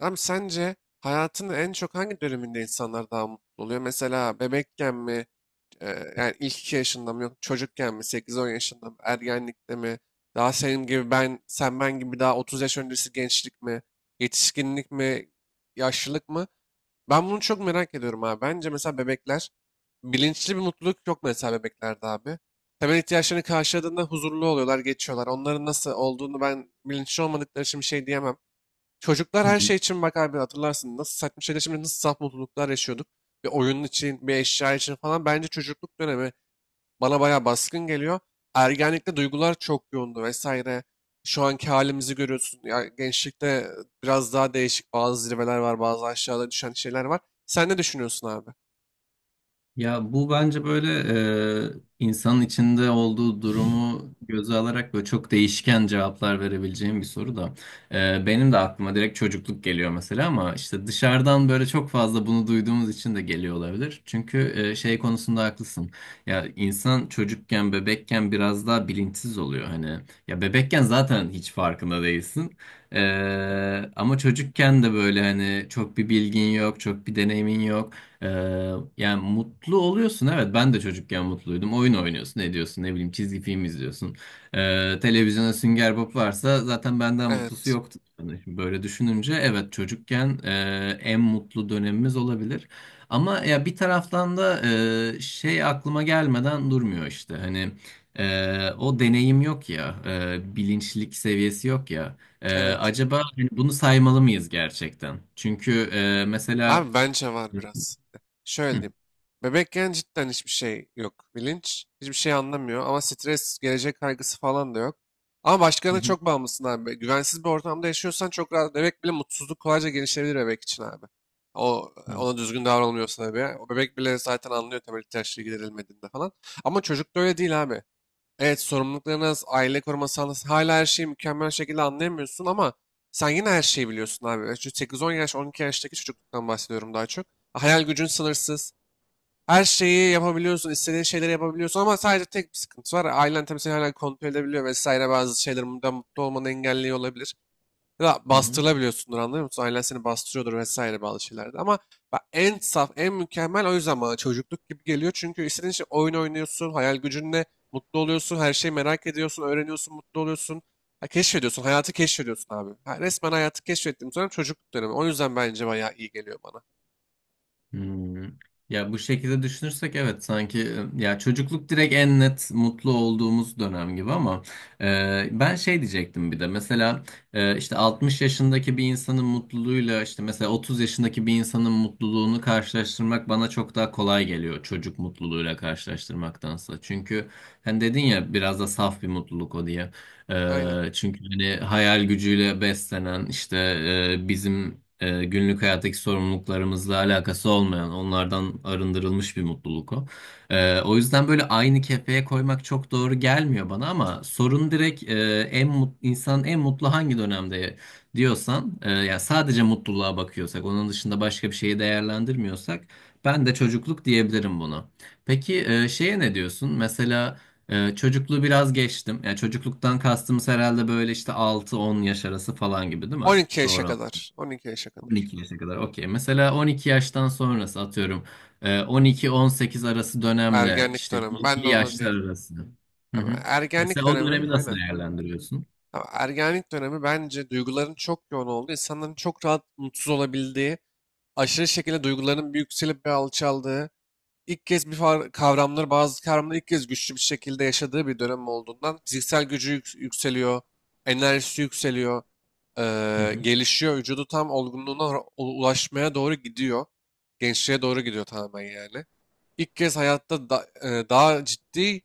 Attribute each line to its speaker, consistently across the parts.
Speaker 1: Hem sence hayatının en çok hangi döneminde insanlar daha mutlu oluyor? Mesela bebekken mi, e, yani ilk 2 yaşında mı, yok çocukken mi, 8-10 yaşında mı, ergenlikte mi, daha senin gibi ben, sen ben gibi daha 30 yaş öncesi gençlik mi, yetişkinlik mi, yaşlılık mı? Ben bunu çok merak ediyorum abi. Bence mesela bebekler, bilinçli bir mutluluk yok mesela bebeklerde abi. Temel ihtiyaçlarını karşıladığında huzurlu oluyorlar, geçiyorlar. Onların nasıl olduğunu ben bilinçli olmadıkları için bir şey diyemem. Çocuklar
Speaker 2: Hı
Speaker 1: her
Speaker 2: hı.
Speaker 1: şey için bak abi, hatırlarsın nasıl saçma şeyler, şimdi nasıl saf mutluluklar yaşıyorduk. Bir oyun için, bir eşya için falan bence çocukluk dönemi bana bayağı baskın geliyor. Ergenlikte duygular çok yoğundu vesaire. Şu anki halimizi görüyorsun. Ya gençlikte biraz daha değişik bazı zirveler var, bazı aşağıda düşen şeyler var. Sen ne düşünüyorsun abi?
Speaker 2: Ya bu bence böyle insanın içinde olduğu durumu göze alarak böyle çok değişken cevaplar verebileceğim bir soru da. Benim de aklıma direkt çocukluk geliyor mesela ama işte dışarıdan böyle çok fazla bunu duyduğumuz için de geliyor olabilir. Çünkü şey konusunda haklısın. Ya insan çocukken, bebekken biraz daha bilinçsiz oluyor. Hani ya bebekken zaten hiç farkında değilsin. E, ama çocukken de böyle hani çok bir bilgin yok, çok bir deneyimin yok. Ee, yani mutlu oluyorsun, evet, ben de çocukken mutluydum, oyun oynuyorsun, ne diyorsun, ne bileyim, çizgi film izliyorsun, televizyona Sünger Bob varsa zaten benden mutlusu
Speaker 1: Evet,
Speaker 2: yoktu. Yani şimdi böyle düşününce evet çocukken en mutlu dönemimiz olabilir ama ya bir taraftan da şey aklıma gelmeden durmuyor, işte hani o deneyim yok ya, bilinçlik seviyesi yok ya,
Speaker 1: evet.
Speaker 2: acaba hani bunu saymalı mıyız gerçekten? Çünkü mesela
Speaker 1: Abi bence var
Speaker 2: Hı
Speaker 1: biraz. Şöyle
Speaker 2: hı.
Speaker 1: diyeyim. Bebekken cidden hiçbir şey yok. Bilinç hiçbir şey anlamıyor ama stres, gelecek kaygısı falan da yok. Ama başkalarına
Speaker 2: Hı.
Speaker 1: çok bağımlısın abi. Güvensiz bir ortamda yaşıyorsan çok rahat. Bebek bile mutsuzluk kolayca gelişebilir bebek için abi. O
Speaker 2: Hı
Speaker 1: ona düzgün davranılmıyorsa tabii. O bebek bile zaten anlıyor temel ihtiyaçları giderilmediğinde falan. Ama çocukta öyle değil abi. Evet sorumluluklarınız, aile koruma sağlasın. Hala her şeyi mükemmel şekilde anlayamıyorsun ama sen yine her şeyi biliyorsun abi. Evet, şu 8-10 yaş, 12 yaştaki çocukluktan bahsediyorum daha çok. Hayal gücün sınırsız. Her şeyi yapabiliyorsun, istediğin şeyleri yapabiliyorsun ama sadece tek bir sıkıntı var. Ailen tabii seni hala kontrol edebiliyor vesaire, bazı şeyler bundan mutlu olmanı engelliyor olabilir. Ya da
Speaker 2: hı. Hı.
Speaker 1: bastırılabiliyorsundur, anlıyor musun? Ailen seni bastırıyordur vesaire bazı şeylerde. Ama bak, en saf, en mükemmel o yüzden bana çocukluk gibi geliyor. Çünkü istediğin şey oyun oynuyorsun, hayal gücünle mutlu oluyorsun, her şeyi merak ediyorsun, öğreniyorsun, mutlu oluyorsun. Ha, keşfediyorsun, hayatı keşfediyorsun abi. Ha, resmen hayatı keşfettiğim dönem çocukluk dönemi. O yüzden bence bayağı iyi geliyor bana.
Speaker 2: Hmm. Ya bu şekilde düşünürsek evet sanki ya çocukluk direkt en net mutlu olduğumuz dönem gibi ama ben şey diyecektim bir de mesela işte 60 yaşındaki bir insanın mutluluğuyla işte mesela 30 yaşındaki bir insanın mutluluğunu karşılaştırmak bana çok daha kolay geliyor çocuk mutluluğuyla karşılaştırmaktansa. Çünkü hani dedin ya biraz da saf bir mutluluk o diye.
Speaker 1: Aynen.
Speaker 2: Çünkü hani hayal gücüyle beslenen işte bizim günlük hayattaki sorumluluklarımızla alakası olmayan, onlardan arındırılmış bir mutluluk o. O yüzden böyle aynı kefeye koymak çok doğru gelmiyor bana, ama sorun direkt insanın en mutlu hangi dönemde diyorsan, ya sadece mutluluğa bakıyorsak, onun dışında başka bir şeyi değerlendirmiyorsak, ben de çocukluk diyebilirim buna. Peki şeye ne diyorsun? Mesela çocukluğu biraz geçtim. Yani çocukluktan kastımız herhalde böyle işte 6-10 yaş arası falan gibi, değil mi?
Speaker 1: 12 yaşa
Speaker 2: Doğru.
Speaker 1: kadar. 12 yaşa kadar.
Speaker 2: 12 yaşa kadar, okey. Mesela 12 yaştan sonrası, atıyorum 12-18 arası dönemle
Speaker 1: Ergenlik
Speaker 2: işte
Speaker 1: dönemi. Ben de
Speaker 2: 20
Speaker 1: onu diyeyim.
Speaker 2: yaşlar arası. Hı
Speaker 1: Ama
Speaker 2: hı.
Speaker 1: ergenlik
Speaker 2: Mesela o dönemi
Speaker 1: dönemi.
Speaker 2: nasıl
Speaker 1: Aynen.
Speaker 2: değerlendiriyorsun?
Speaker 1: Ya, ergenlik dönemi bence duyguların çok yoğun olduğu, insanların çok rahat mutsuz olabildiği, aşırı şekilde duygularının bir yükselip bir alçaldığı, ilk kez kavramları, bazı kavramları ilk kez güçlü bir şekilde yaşadığı bir dönem olduğundan fiziksel gücü yükseliyor, enerjisi yükseliyor,
Speaker 2: Hı hı.
Speaker 1: gelişiyor, vücudu tam olgunluğuna ulaşmaya doğru gidiyor. Gençliğe doğru gidiyor tamamen yani. İlk kez hayatta daha ciddi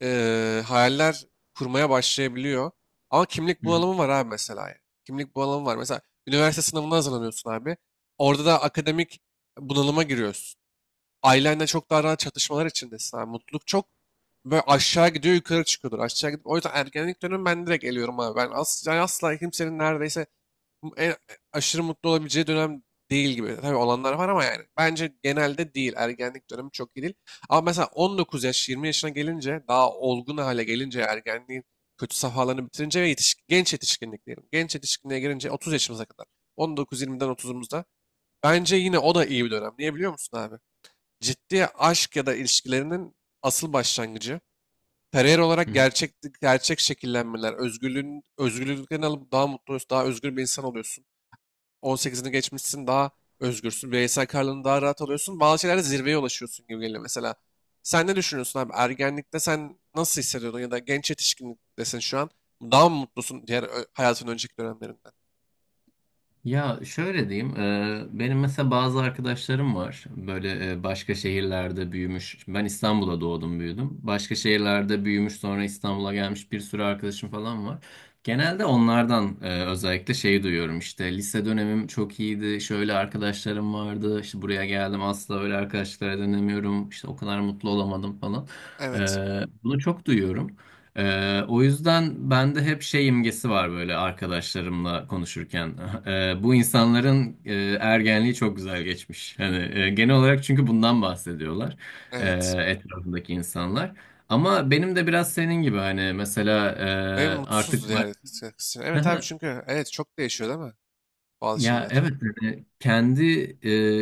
Speaker 1: hayaller kurmaya başlayabiliyor. Ama kimlik
Speaker 2: Hı hı.
Speaker 1: bunalımı var abi mesela, yani. Kimlik bunalımı var. Mesela üniversite sınavına hazırlanıyorsun abi. Orada da akademik bunalıma giriyorsun. Ailenle çok daha rahat çatışmalar içindesin abi. Mutluluk çok böyle aşağı gidiyor, yukarı çıkıyordur. Aşağı gidip o yüzden ergenlik dönemi ben direkt eliyorum abi. Ben asla, asla kimsenin neredeyse en aşırı mutlu olabileceği dönem değil gibi. Tabii olanlar var ama yani bence genelde değil. Ergenlik dönemi çok iyi değil. Ama mesela 19 yaş, 20 yaşına gelince, daha olgun hale gelince, ergenliğin kötü safhalarını bitirince ve yetişkin, genç yetişkinlik diyelim. Genç yetişkinliğe gelince 30 yaşımıza kadar. 19-20'den 30'umuzda. Bence yine o da iyi bir dönem. Niye biliyor musun abi? Ciddi aşk ya da ilişkilerinin asıl başlangıcı. Kariyer
Speaker 2: Hı
Speaker 1: olarak
Speaker 2: hı.
Speaker 1: gerçek şekillenmeler, özgürlüğün özgürlüklerini alıp daha mutlu oluyorsun, daha özgür bir insan oluyorsun. 18'ini geçmişsin, daha özgürsün. Bireysel kararlarını daha rahat alıyorsun. Bazı şeylerde zirveye ulaşıyorsun gibi geliyor mesela. Sen ne düşünüyorsun abi? Ergenlikte sen nasıl hissediyordun ya da genç yetişkinliktesin şu an. Daha mı mutlusun hayatın önceki dönemlerinden?
Speaker 2: Ya şöyle diyeyim, benim mesela bazı arkadaşlarım var böyle, başka şehirlerde büyümüş. Ben İstanbul'da doğdum, büyüdüm. Başka şehirlerde büyümüş sonra İstanbul'a gelmiş bir sürü arkadaşım falan var. Genelde onlardan özellikle şeyi duyuyorum, işte lise dönemim çok iyiydi, şöyle arkadaşlarım vardı, işte buraya geldim asla öyle arkadaşlara dönemiyorum, işte o kadar mutlu olamadım falan. E,
Speaker 1: Evet.
Speaker 2: bunu çok duyuyorum. O yüzden bende hep şey imgesi var böyle arkadaşlarımla konuşurken. Bu insanların ergenliği çok güzel geçmiş. Hani genel olarak, çünkü bundan bahsediyorlar e,
Speaker 1: Evet.
Speaker 2: etrafındaki insanlar. Ama benim de biraz senin gibi, hani mesela
Speaker 1: Benim
Speaker 2: artık
Speaker 1: mutsuzdu diğer kısım. Evet abi çünkü evet çok değişiyor değil mi? Bazı
Speaker 2: Ya
Speaker 1: şeyler.
Speaker 2: evet, yani kendi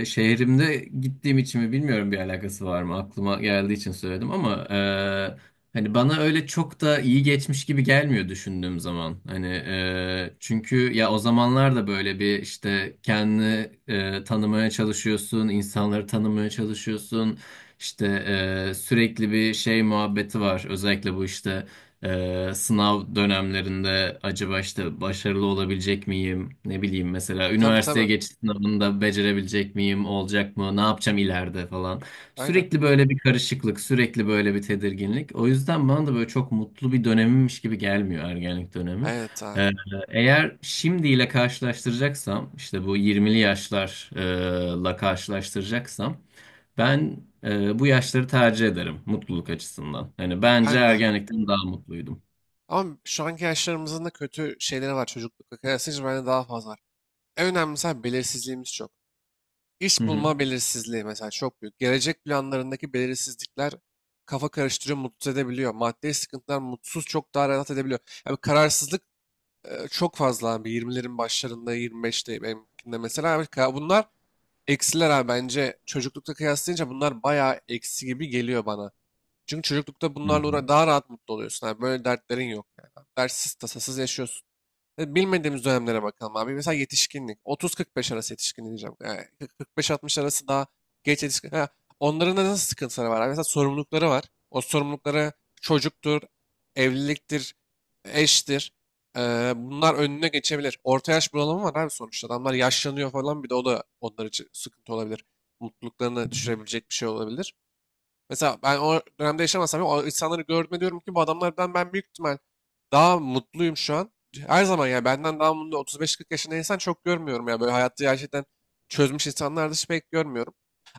Speaker 2: şehrimde gittiğim için mi bilmiyorum, bir alakası var mı, aklıma geldiği için söyledim, ama hani bana öyle çok da iyi geçmiş gibi gelmiyor düşündüğüm zaman. Hani çünkü ya o zamanlar da böyle bir işte kendini tanımaya çalışıyorsun, insanları tanımaya çalışıyorsun, işte sürekli bir şey muhabbeti var özellikle bu işte. Sınav dönemlerinde acaba işte başarılı olabilecek miyim? Ne bileyim, mesela
Speaker 1: Tabii,
Speaker 2: üniversiteye
Speaker 1: tabii.
Speaker 2: geçiş sınavında becerebilecek miyim? Olacak mı? Ne yapacağım ileride falan?
Speaker 1: Aynen.
Speaker 2: Sürekli böyle bir karışıklık, sürekli böyle bir tedirginlik. O yüzden bana da böyle çok mutlu bir dönemimmiş gibi gelmiyor ergenlik dönemi.
Speaker 1: Evet abi.
Speaker 2: Ee, eğer şimdiyle karşılaştıracaksam, işte bu 20'li yaşlarla karşılaştıracaksam, ben bu yaşları tercih ederim mutluluk açısından. Hani bence
Speaker 1: Ben de.
Speaker 2: ergenlikten daha mutluydum.
Speaker 1: Ama şu anki yaşlarımızın da kötü şeyleri var, çocuklukla kıyaslayınca bende daha fazla var. En önemlisi abi, belirsizliğimiz çok.
Speaker 2: Hı
Speaker 1: İş
Speaker 2: hı.
Speaker 1: bulma belirsizliği mesela çok büyük. Gelecek planlarındaki belirsizlikler kafa karıştırıyor, mutsuz edebiliyor. Maddi sıkıntılar mutsuz çok daha rahat edebiliyor. Yani kararsızlık çok fazla abi. 20'lerin başlarında, 25'te benimkinde mesela. Abi, bunlar eksiler abi bence. Çocuklukta kıyaslayınca bunlar bayağı eksi gibi geliyor bana. Çünkü çocuklukta
Speaker 2: Hı hı.
Speaker 1: daha rahat mutlu oluyorsun abi. Böyle dertlerin yok yani. Dertsiz, tasasız yaşıyorsun. Bilmediğimiz dönemlere bakalım abi. Mesela yetişkinlik. 30-45 arası yetişkin diyeceğim. Yani 40-45-60 arası daha geç yetişkin. Ha, onların da nasıl sıkıntıları var abi? Mesela sorumlulukları var. O sorumlulukları çocuktur, evliliktir, eştir. E, bunlar önüne geçebilir. Orta yaş bunalımı var abi sonuçta. Adamlar yaşlanıyor falan, bir de o da onlar için sıkıntı olabilir. Mutluluklarını düşürebilecek bir şey olabilir. Mesela ben o dönemde yaşamasam bile o insanları gördüğümde diyorum ki bu adamlardan ben büyük ihtimal daha mutluyum şu an. Her zaman ya benden daha mutlu 35-40 yaşında insan çok görmüyorum ya. Böyle hayatta gerçekten çözmüş insanlar dışı pek görmüyorum.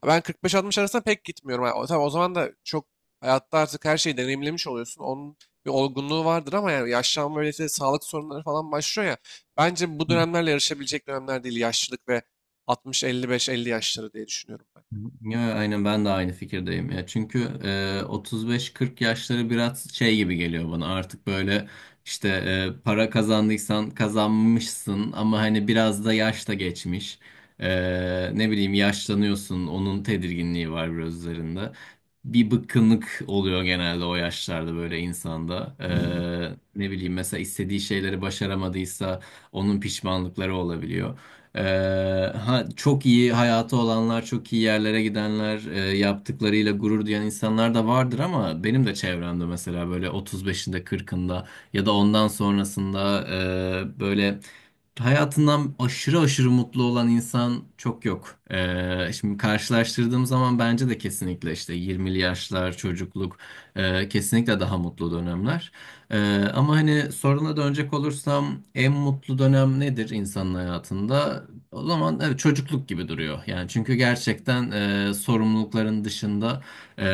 Speaker 1: Ben 45-60 arasında pek gitmiyorum. Yani, tabii o zaman da çok hayatta artık her şeyi deneyimlemiş oluyorsun. Onun bir olgunluğu vardır ama yani yaşlanma böyle işte sağlık sorunları falan başlıyor ya. Bence bu dönemlerle yarışabilecek dönemler değil. Yaşlılık ve 60-55-50 yaşları diye düşünüyorum ben.
Speaker 2: Yo, aynen, ben de aynı fikirdeyim ya. Çünkü 35-40 yaşları biraz şey gibi geliyor bana. Artık böyle işte para kazandıysan kazanmışsın ama hani biraz da yaş da geçmiş. E, ne bileyim, yaşlanıyorsun. Onun tedirginliği var biraz üzerinde. Bir bıkkınlık oluyor genelde o yaşlarda böyle insanda. Ne bileyim, mesela istediği şeyleri başaramadıysa onun pişmanlıkları olabiliyor. Ha, çok iyi hayatı olanlar, çok iyi yerlere gidenler, yaptıklarıyla gurur duyan insanlar da vardır, ama benim de çevremde mesela böyle 35'inde, 40'ında ya da ondan sonrasında böyle hayatından aşırı aşırı mutlu olan insan çok yok. Şimdi karşılaştırdığım zaman bence de kesinlikle işte 20'li yaşlar, çocukluk, kesinlikle daha mutlu dönemler. Ama hani soruna dönecek olursam, en mutlu dönem nedir insanın hayatında? O zaman evet, çocukluk gibi duruyor. Yani çünkü gerçekten sorumlulukların dışında e,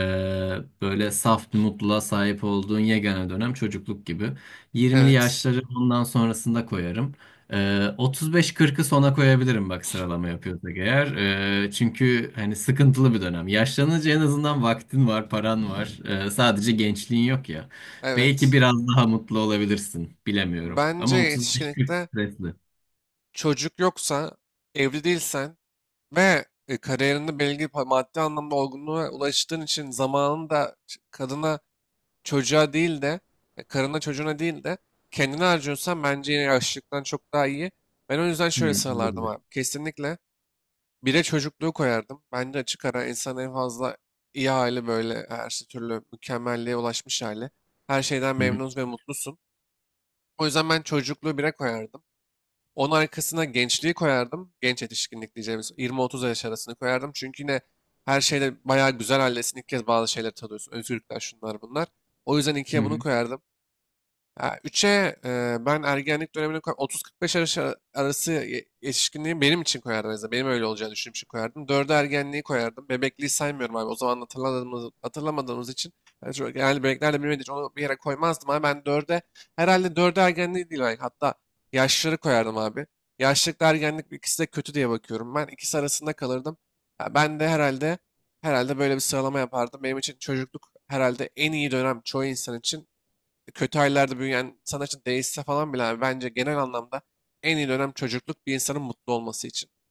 Speaker 2: böyle saf bir mutluluğa sahip olduğun yegane dönem çocukluk gibi. 20'li
Speaker 1: Evet,
Speaker 2: yaşları ondan sonrasında koyarım. 35-40'ı sona koyabilirim, bak sıralama yapıyorsak eğer. Çünkü hani sıkıntılı bir dönem. Yaşlanınca en azından vaktin var, paran var. Sadece gençliğin yok ya. Belki
Speaker 1: evet.
Speaker 2: biraz daha mutlu olabilirsin, bilemiyorum.
Speaker 1: Bence
Speaker 2: Ama 35-40
Speaker 1: yetişkinlikte
Speaker 2: stresli.
Speaker 1: çocuk yoksa, evli değilsen, ve kariyerinde maddi anlamda olgunluğa ulaştığın için zamanını da ç- kadına çocuğa değil de e, karına çocuğuna değil de kendine harcıyorsan bence yine yaşlılıktan çok daha iyi. Ben o yüzden şöyle
Speaker 2: Hı,
Speaker 1: sıralardım
Speaker 2: olabilir.
Speaker 1: abi. Kesinlikle bire çocukluğu koyardım. Bence açık ara insan en fazla iyi hali böyle her şey türlü mükemmelliğe ulaşmış hali. Her şeyden
Speaker 2: Hı
Speaker 1: memnun ve mutlusun. O yüzden ben çocukluğu bire koyardım. Onun arkasına gençliği koyardım. Genç yetişkinlik diyeceğimiz 20-30 yaş arasını koyardım. Çünkü yine her şeyde bayağı güzel haldesin. İlk kez bazı şeyleri tadıyorsun. Özgürlükler, şunlar bunlar. O yüzden ikiye bunu
Speaker 2: hı.
Speaker 1: koyardım. Ya 3'e e, ben ergenlik dönemine koy 30-45 arası yetişkinliği benim için koyardım en azından. Benim öyle olacağını düşündüğüm için koyardım. 4'e ergenliği koyardım. Bebekliği saymıyorum abi. O zaman hatırlamadığımız için yani genelde bebeklerle bilmediği için onu bir yere koymazdım ama ben 4'e herhalde 4'e ergenliği değil belki. Hatta yaşları koyardım abi. Yaşlılıkla ergenlik ikisi de kötü diye bakıyorum. Ben ikisi arasında kalırdım. Ya ben de herhalde böyle bir sıralama yapardım. Benim için çocukluk herhalde en iyi dönem, çoğu insan için kötü ailelerde büyüyen sanatçı değişse falan bile abi, bence genel anlamda en iyi dönem çocukluk bir insanın mutlu olması için.